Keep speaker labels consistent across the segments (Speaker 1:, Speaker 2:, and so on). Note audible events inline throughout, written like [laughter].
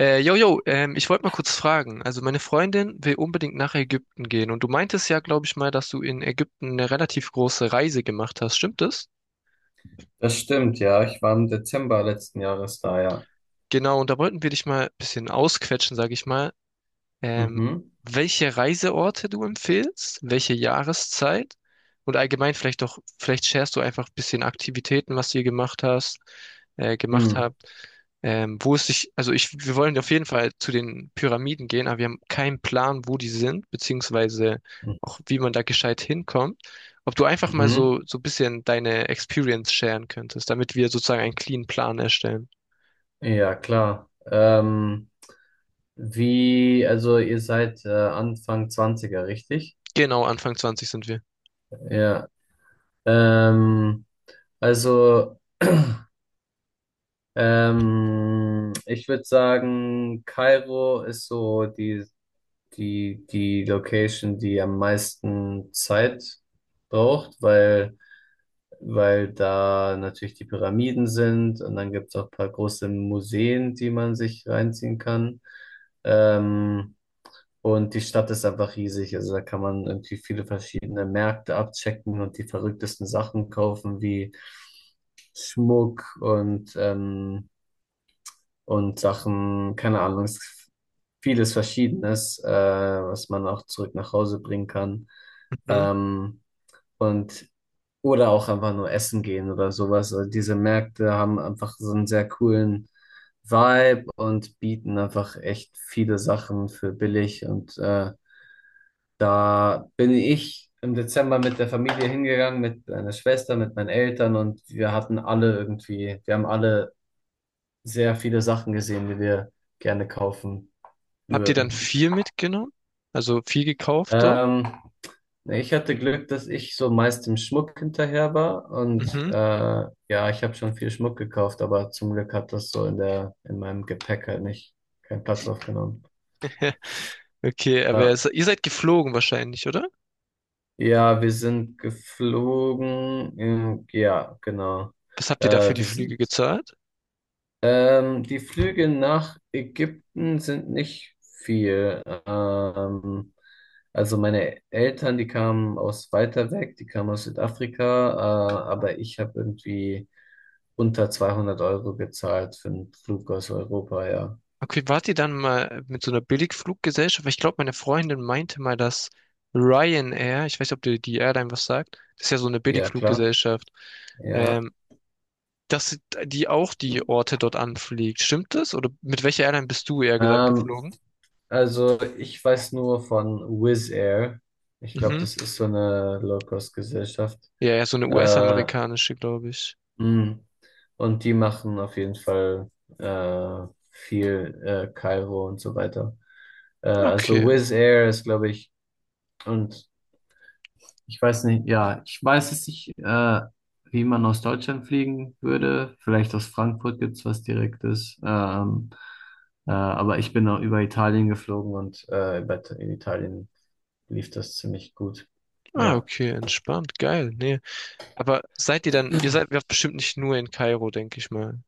Speaker 1: Ich wollte mal kurz fragen. Also meine Freundin will unbedingt nach Ägypten gehen und du meintest, ja, glaube ich mal, dass du in Ägypten eine relativ große Reise gemacht hast. Stimmt das?
Speaker 2: Das stimmt, ja. Ich war im Dezember letzten Jahres da, ja.
Speaker 1: Genau, und da wollten wir dich mal ein bisschen ausquetschen, sage ich mal. Ähm,
Speaker 2: Mhm.
Speaker 1: Welche Reiseorte du empfiehlst, welche Jahreszeit und allgemein vielleicht sharest du einfach ein bisschen Aktivitäten, was ihr gemacht
Speaker 2: Mhm.
Speaker 1: habt. Wo es sich, also ich, Wir wollen auf jeden Fall zu den Pyramiden gehen, aber wir haben keinen Plan, wo die sind, beziehungsweise auch wie man da gescheit hinkommt. Ob du einfach mal
Speaker 2: Mhm.
Speaker 1: so ein bisschen deine Experience sharen könntest, damit wir sozusagen einen clean Plan erstellen.
Speaker 2: Ja, klar. Also ihr seid Anfang Zwanziger, richtig?
Speaker 1: Genau, Anfang 20 sind wir.
Speaker 2: Ja. Ähm, also, ich würde sagen, Kairo ist so die Location, die am meisten Zeit braucht, weil da natürlich die Pyramiden sind und dann gibt es auch ein paar große Museen, die man sich reinziehen kann. Ähm, und die Stadt ist einfach riesig, also da kann man irgendwie viele verschiedene Märkte abchecken und die verrücktesten Sachen kaufen, wie Schmuck und Sachen, keine Ahnung, vieles Verschiedenes, was man auch zurück nach Hause bringen kann.
Speaker 1: Mhm.
Speaker 2: Ähm, und oder auch einfach nur essen gehen oder sowas. Also diese Märkte haben einfach so einen sehr coolen Vibe und bieten einfach echt viele Sachen für billig. Und da bin ich im Dezember mit der Familie hingegangen, mit meiner Schwester, mit meinen Eltern, und wir haben alle sehr viele Sachen gesehen, die wir gerne kaufen
Speaker 1: Habt ihr dann
Speaker 2: würden.
Speaker 1: viel mitgenommen? Also viel gekauft dort?
Speaker 2: Ähm, Ich hatte Glück, dass ich so meist im Schmuck hinterher war, und
Speaker 1: Mhm.
Speaker 2: ja, ich habe schon viel Schmuck gekauft, aber zum Glück hat das so in meinem Gepäck halt nicht keinen Platz aufgenommen.
Speaker 1: [laughs] Okay, aber
Speaker 2: Ja,
Speaker 1: ihr seid geflogen wahrscheinlich, oder?
Speaker 2: ja, wir sind geflogen. Ja, genau.
Speaker 1: Was habt ihr da für die
Speaker 2: Wir
Speaker 1: Flüge
Speaker 2: sind
Speaker 1: gezahlt?
Speaker 2: Die Flüge nach Ägypten sind nicht viel. Also meine Eltern, die kamen aus weiter weg, die kamen aus Südafrika, aber ich habe irgendwie unter 200 € gezahlt für einen Flug aus Europa, ja.
Speaker 1: Okay, wart ihr dann mal mit so einer Billigfluggesellschaft? Weil ich glaube, meine Freundin meinte mal, dass Ryanair, ich weiß nicht, ob dir die Airline was sagt, das ist ja so eine
Speaker 2: Ja, klar,
Speaker 1: Billigfluggesellschaft,
Speaker 2: ja.
Speaker 1: ähm, dass die auch die Orte dort anfliegt. Stimmt das? Oder mit welcher Airline bist du eher gesagt
Speaker 2: Ähm,
Speaker 1: geflogen?
Speaker 2: also ich weiß nur von Wizz Air. Ich glaube,
Speaker 1: Mhm.
Speaker 2: das ist so eine Low-Cost-Gesellschaft.
Speaker 1: Ja, ja, so eine
Speaker 2: Äh,
Speaker 1: US-amerikanische, glaube ich.
Speaker 2: Mhm. Und die machen auf jeden Fall viel, Kairo und so weiter. Also
Speaker 1: Okay.
Speaker 2: Wizz Air ist, glaube ich, und ich weiß nicht, ja, ich weiß es nicht, wie man aus Deutschland fliegen würde. Vielleicht aus Frankfurt gibt's was Direktes. Aber ich bin auch über Italien geflogen, und in Italien lief das ziemlich gut.
Speaker 1: Ah,
Speaker 2: Ja.
Speaker 1: okay, entspannt. Geil. Nee. Aber ihr seid ja bestimmt nicht nur in Kairo, denke ich mal.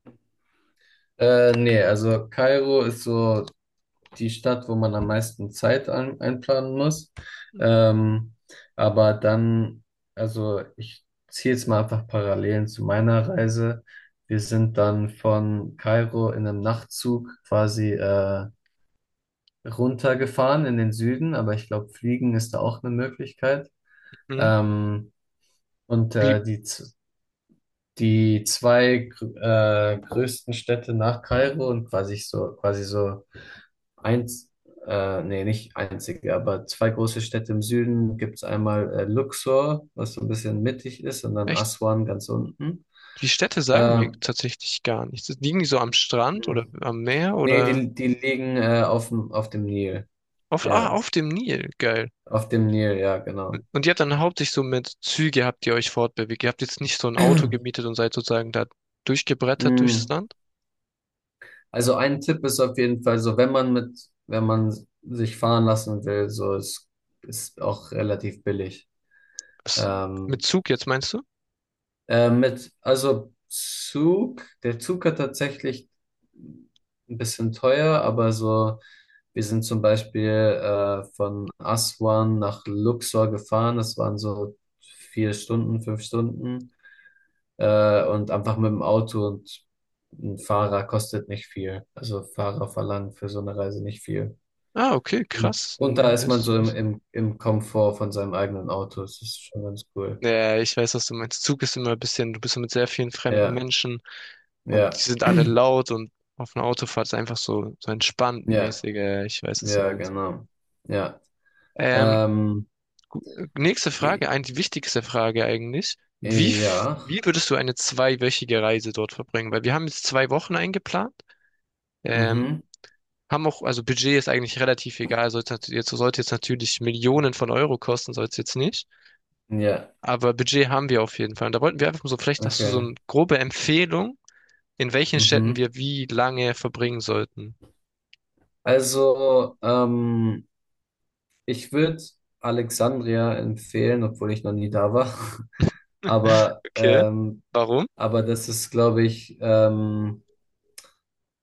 Speaker 2: Nee, also Kairo ist so die Stadt, wo man am meisten Zeit einplanen muss. Ähm, aber dann, also ich ziehe jetzt mal einfach Parallelen zu meiner Reise. Wir sind dann von Kairo in einem Nachtzug quasi runtergefahren in den Süden, aber ich glaube, Fliegen ist da auch eine Möglichkeit.
Speaker 1: Mhm.
Speaker 2: Ähm, und
Speaker 1: Wie,
Speaker 2: äh, die Die größten Städte nach Kairo und quasi so eins, nee, nicht einzige, aber zwei große Städte im Süden gibt es einmal Luxor, was so ein bisschen mittig ist, und dann
Speaker 1: Echt,
Speaker 2: Aswan ganz unten.
Speaker 1: die Städte sagen mir
Speaker 2: Ähm,
Speaker 1: tatsächlich gar nichts. Liegen die so am Strand oder am Meer
Speaker 2: Nee,
Speaker 1: oder
Speaker 2: die liegen auf dem Nil.
Speaker 1: ah,
Speaker 2: Ja,
Speaker 1: auf dem Nil? Geil.
Speaker 2: auf dem Nil, ja, genau.
Speaker 1: Und ihr habt dann hauptsächlich so mit Züge habt ihr euch fortbewegt. Ihr habt jetzt nicht so ein Auto gemietet und seid sozusagen da durchgebrettert durchs
Speaker 2: Mm.
Speaker 1: Land?
Speaker 2: Also ein Tipp ist auf jeden Fall so, wenn man sich fahren lassen will, so es ist auch relativ billig.
Speaker 1: Was? Mit
Speaker 2: Ähm,
Speaker 1: Zug jetzt meinst du?
Speaker 2: also Zug, der Zug hat tatsächlich ein bisschen teuer, aber so, wir sind zum Beispiel von Aswan nach Luxor gefahren, das waren so vier Stunden, fünf Stunden, und einfach mit dem Auto, und ein Fahrer kostet nicht viel. Also Fahrer verlangen für so eine Reise nicht viel.
Speaker 1: Ah, okay,
Speaker 2: Und,
Speaker 1: krass.
Speaker 2: und da
Speaker 1: Nein,
Speaker 2: ist man
Speaker 1: weißt
Speaker 2: so
Speaker 1: du wissen.
Speaker 2: im Komfort von seinem eigenen Auto, das ist schon ganz cool.
Speaker 1: Ja, ja, ich weiß, was du meinst. Zug ist immer ein bisschen, du bist so mit sehr vielen fremden
Speaker 2: Ja,
Speaker 1: Menschen und die
Speaker 2: ja,
Speaker 1: sind alle laut, und auf einer Autofahrt ist einfach so entspannt
Speaker 2: ja.
Speaker 1: mäßig. Ja, ja, ich weiß, was du
Speaker 2: Ja,
Speaker 1: meinst.
Speaker 2: genau. Ja.
Speaker 1: Ähm,
Speaker 2: Ähm,
Speaker 1: Nächste
Speaker 2: i-
Speaker 1: Frage, eigentlich die wichtigste Frage eigentlich.
Speaker 2: ja.
Speaker 1: Wie würdest du eine zweiwöchige Reise dort verbringen? Weil wir haben jetzt zwei Wochen eingeplant. Ähm,
Speaker 2: Mhm.
Speaker 1: Haben auch, also Budget ist eigentlich relativ egal. Sollte jetzt natürlich Millionen von Euro kosten, soll es jetzt nicht.
Speaker 2: Ja,
Speaker 1: Aber Budget haben wir auf jeden Fall. Und da wollten wir einfach so, vielleicht hast du so
Speaker 2: okay.
Speaker 1: eine grobe Empfehlung, in welchen Städten
Speaker 2: Mhm.
Speaker 1: wir wie lange verbringen sollten.
Speaker 2: Also, ähm, Ich würde Alexandria empfehlen, obwohl ich noch nie da war. [laughs] Aber,
Speaker 1: Okay.
Speaker 2: ähm,
Speaker 1: Warum?
Speaker 2: aber das ist, glaube ich,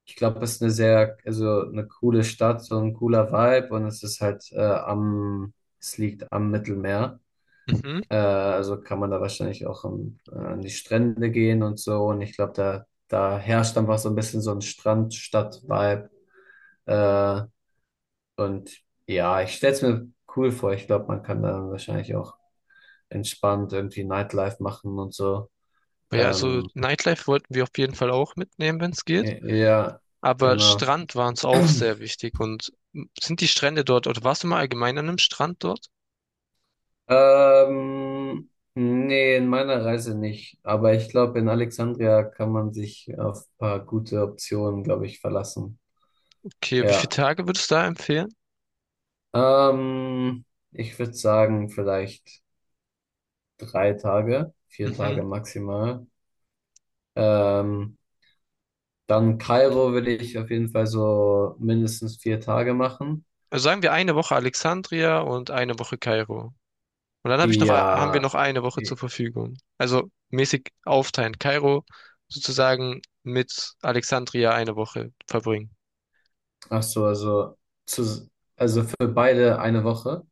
Speaker 2: ich glaube, es ist eine sehr, also eine coole Stadt, so ein cooler Vibe, und es ist halt es liegt am Mittelmeer.
Speaker 1: Mhm.
Speaker 2: Also kann man da wahrscheinlich auch an die Strände gehen und so. Und ich glaube, da herrscht einfach so ein bisschen so ein Strand-Stadt-Vibe. Äh, und ja, ich stell's mir cool vor. Ich glaube, man kann da wahrscheinlich auch entspannt irgendwie Nightlife machen und so.
Speaker 1: Ja, also
Speaker 2: Ähm,
Speaker 1: Nightlife wollten wir auf jeden Fall auch mitnehmen, wenn es geht.
Speaker 2: ja,
Speaker 1: Aber
Speaker 2: genau.
Speaker 1: Strand war uns auch sehr wichtig. Und sind die Strände dort, oder warst du mal allgemein an einem Strand dort?
Speaker 2: Ähm, Nee, in meiner Reise nicht. Aber ich glaube, in Alexandria kann man sich auf ein paar gute Optionen, glaube ich, verlassen.
Speaker 1: Okay, wie viele
Speaker 2: Ja.
Speaker 1: Tage würdest du da empfehlen?
Speaker 2: Ähm, Ich würde sagen, vielleicht drei Tage, vier
Speaker 1: Mhm.
Speaker 2: Tage maximal. Ähm, Dann Kairo will ich auf jeden Fall so mindestens vier Tage machen.
Speaker 1: Also sagen wir eine Woche Alexandria und eine Woche Kairo. Und dann habe ich noch, haben wir
Speaker 2: Ja,
Speaker 1: noch eine Woche zur
Speaker 2: eh,
Speaker 1: Verfügung. Also mäßig aufteilen. Kairo sozusagen mit Alexandria eine Woche verbringen.
Speaker 2: ach so, zu, also für beide eine Woche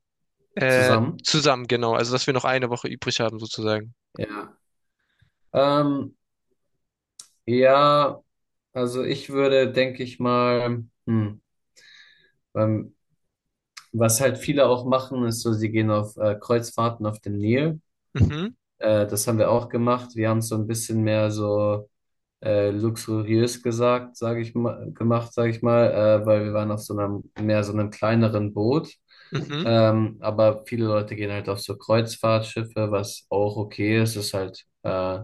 Speaker 2: zusammen.
Speaker 1: Zusammen, genau. Also dass wir noch eine Woche übrig haben sozusagen.
Speaker 2: Ja. Ähm, ja, also ich würde, denke ich mal, ähm, was halt viele auch machen, ist so, sie gehen auf Kreuzfahrten auf dem Nil.
Speaker 1: Mhm,
Speaker 2: Das haben wir auch gemacht. Wir haben es so ein bisschen mehr so luxuriös gesagt, gemacht, sage ich mal, weil wir waren auf so einem mehr so einem kleineren Boot.
Speaker 1: mhm.
Speaker 2: Aber viele Leute gehen halt auf so Kreuzfahrtschiffe, was auch okay ist. Ist halt, äh,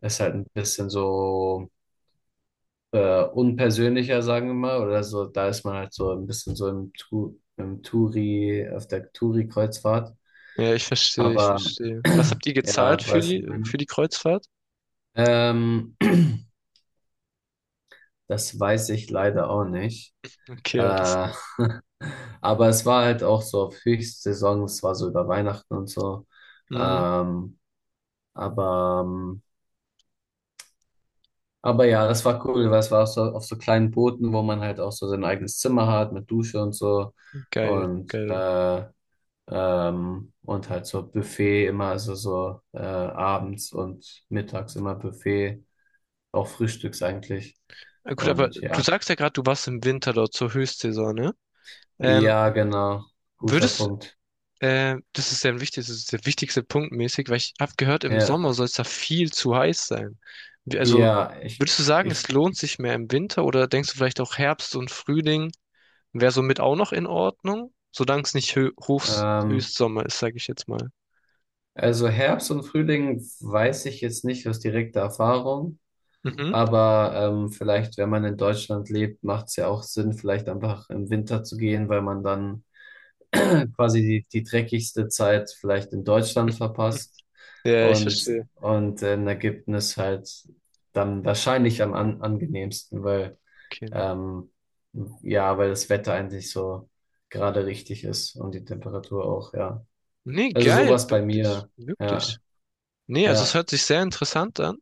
Speaker 2: ist halt ein bisschen so unpersönlicher, sagen wir mal, oder so. Da ist man halt so ein bisschen so im Touri, auf der Touri-Kreuzfahrt.
Speaker 1: Ja, ich verstehe, ich
Speaker 2: Aber
Speaker 1: verstehe. Was habt ihr
Speaker 2: [clears throat] ja,
Speaker 1: gezahlt
Speaker 2: du weißt,
Speaker 1: für
Speaker 2: was ich
Speaker 1: für
Speaker 2: meine.
Speaker 1: die Kreuzfahrt?
Speaker 2: Ähm, [clears throat] das weiß ich leider auch nicht.
Speaker 1: Okay, ja, das
Speaker 2: Äh,
Speaker 1: geht.
Speaker 2: [laughs] aber es war halt auch so auf Höchstsaison, es war so über Weihnachten und so.
Speaker 1: Mhm,
Speaker 2: Ähm, aber, ähm, aber ja, das war cool, weil es war auf so kleinen Booten, wo man halt auch so sein eigenes Zimmer hat mit Dusche und so.
Speaker 1: geil,
Speaker 2: Und,
Speaker 1: geil.
Speaker 2: äh, und halt so Buffet immer, also so abends und mittags immer Buffet, auch frühstücks eigentlich.
Speaker 1: Gut, aber
Speaker 2: Und
Speaker 1: du
Speaker 2: ja.
Speaker 1: sagst ja gerade, du warst im Winter dort zur Höchstsaison, ne? Ähm,
Speaker 2: Ja, genau. Guter
Speaker 1: würdest,
Speaker 2: Punkt.
Speaker 1: Das ist sehr wichtig, das ist der wichtigste Punkt mäßig, weil ich habe gehört, im
Speaker 2: Ja,
Speaker 1: Sommer soll es da viel zu heiß sein. Also,
Speaker 2: ja,
Speaker 1: würdest du sagen, es
Speaker 2: ich,
Speaker 1: lohnt sich mehr im Winter, oder denkst du vielleicht auch Herbst und Frühling wäre somit auch noch in Ordnung, solange es nicht Hö Hochs
Speaker 2: ähm,
Speaker 1: Höchstsommer ist, sage ich jetzt mal.
Speaker 2: also Herbst und Frühling weiß ich jetzt nicht aus direkter Erfahrung,
Speaker 1: Mhm.
Speaker 2: aber vielleicht, wenn man in Deutschland lebt, macht es ja auch Sinn, vielleicht einfach im Winter zu gehen, weil man dann [clears throat] quasi die dreckigste Zeit vielleicht in Deutschland verpasst,
Speaker 1: Ja, ich verstehe.
Speaker 2: und in Ägypten ist halt dann wahrscheinlich angenehmsten, weil
Speaker 1: Okay. Nee,
Speaker 2: Ähm, ja, weil das Wetter eigentlich so gerade richtig ist und die Temperatur auch, ja.
Speaker 1: nee,
Speaker 2: Also
Speaker 1: geil,
Speaker 2: sowas bei
Speaker 1: wirklich,
Speaker 2: mir,
Speaker 1: wirklich.
Speaker 2: ja,
Speaker 1: Nee, also es
Speaker 2: ja.
Speaker 1: hört sich sehr interessant an.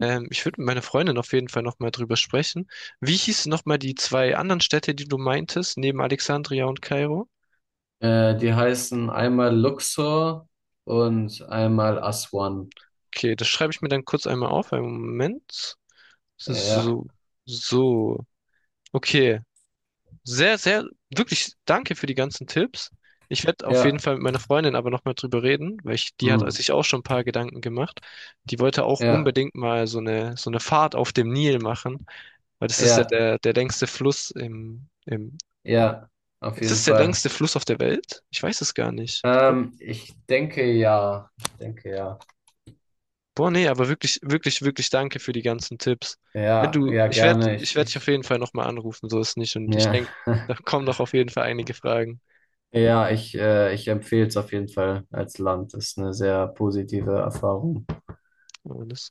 Speaker 1: Ich würde mit meiner Freundin auf jeden Fall nochmal drüber sprechen. Wie hießen nochmal die zwei anderen Städte, die du meintest, neben Alexandria und Kairo?
Speaker 2: Die heißen einmal Luxor und einmal Aswan.
Speaker 1: Okay, das schreibe ich mir dann kurz einmal auf. Einen Moment. So,
Speaker 2: Ja,
Speaker 1: so. So. Okay. Sehr, sehr, wirklich danke für die ganzen Tipps. Ich werde auf jeden
Speaker 2: ja,
Speaker 1: Fall mit meiner Freundin aber nochmal drüber reden, weil die hat
Speaker 2: mm,
Speaker 1: sich auch schon ein paar Gedanken gemacht. Die wollte auch
Speaker 2: ja,
Speaker 1: unbedingt mal so eine Fahrt auf dem Nil machen, weil das ist ja
Speaker 2: ja,
Speaker 1: der längste Fluss
Speaker 2: ja, auf
Speaker 1: ist
Speaker 2: jeden
Speaker 1: es der
Speaker 2: Fall.
Speaker 1: längste Fluss auf der Welt? Ich weiß es gar nicht. Ich glaub,
Speaker 2: Ich denke ja, ich denke ja.
Speaker 1: boah, nee, aber wirklich, wirklich, wirklich danke für die ganzen Tipps. Wenn
Speaker 2: Ja,
Speaker 1: du,
Speaker 2: ja,
Speaker 1: ich werde,
Speaker 2: gerne.
Speaker 1: Ich werde dich auf jeden Fall nochmal anrufen, so ist nicht. Und ich
Speaker 2: Ja.
Speaker 1: denke, da
Speaker 2: [laughs]
Speaker 1: kommen doch auf jeden Fall einige Fragen.
Speaker 2: Ja, ich empfehle es auf jeden Fall als Land. Ist eine sehr positive Erfahrung.
Speaker 1: Alles.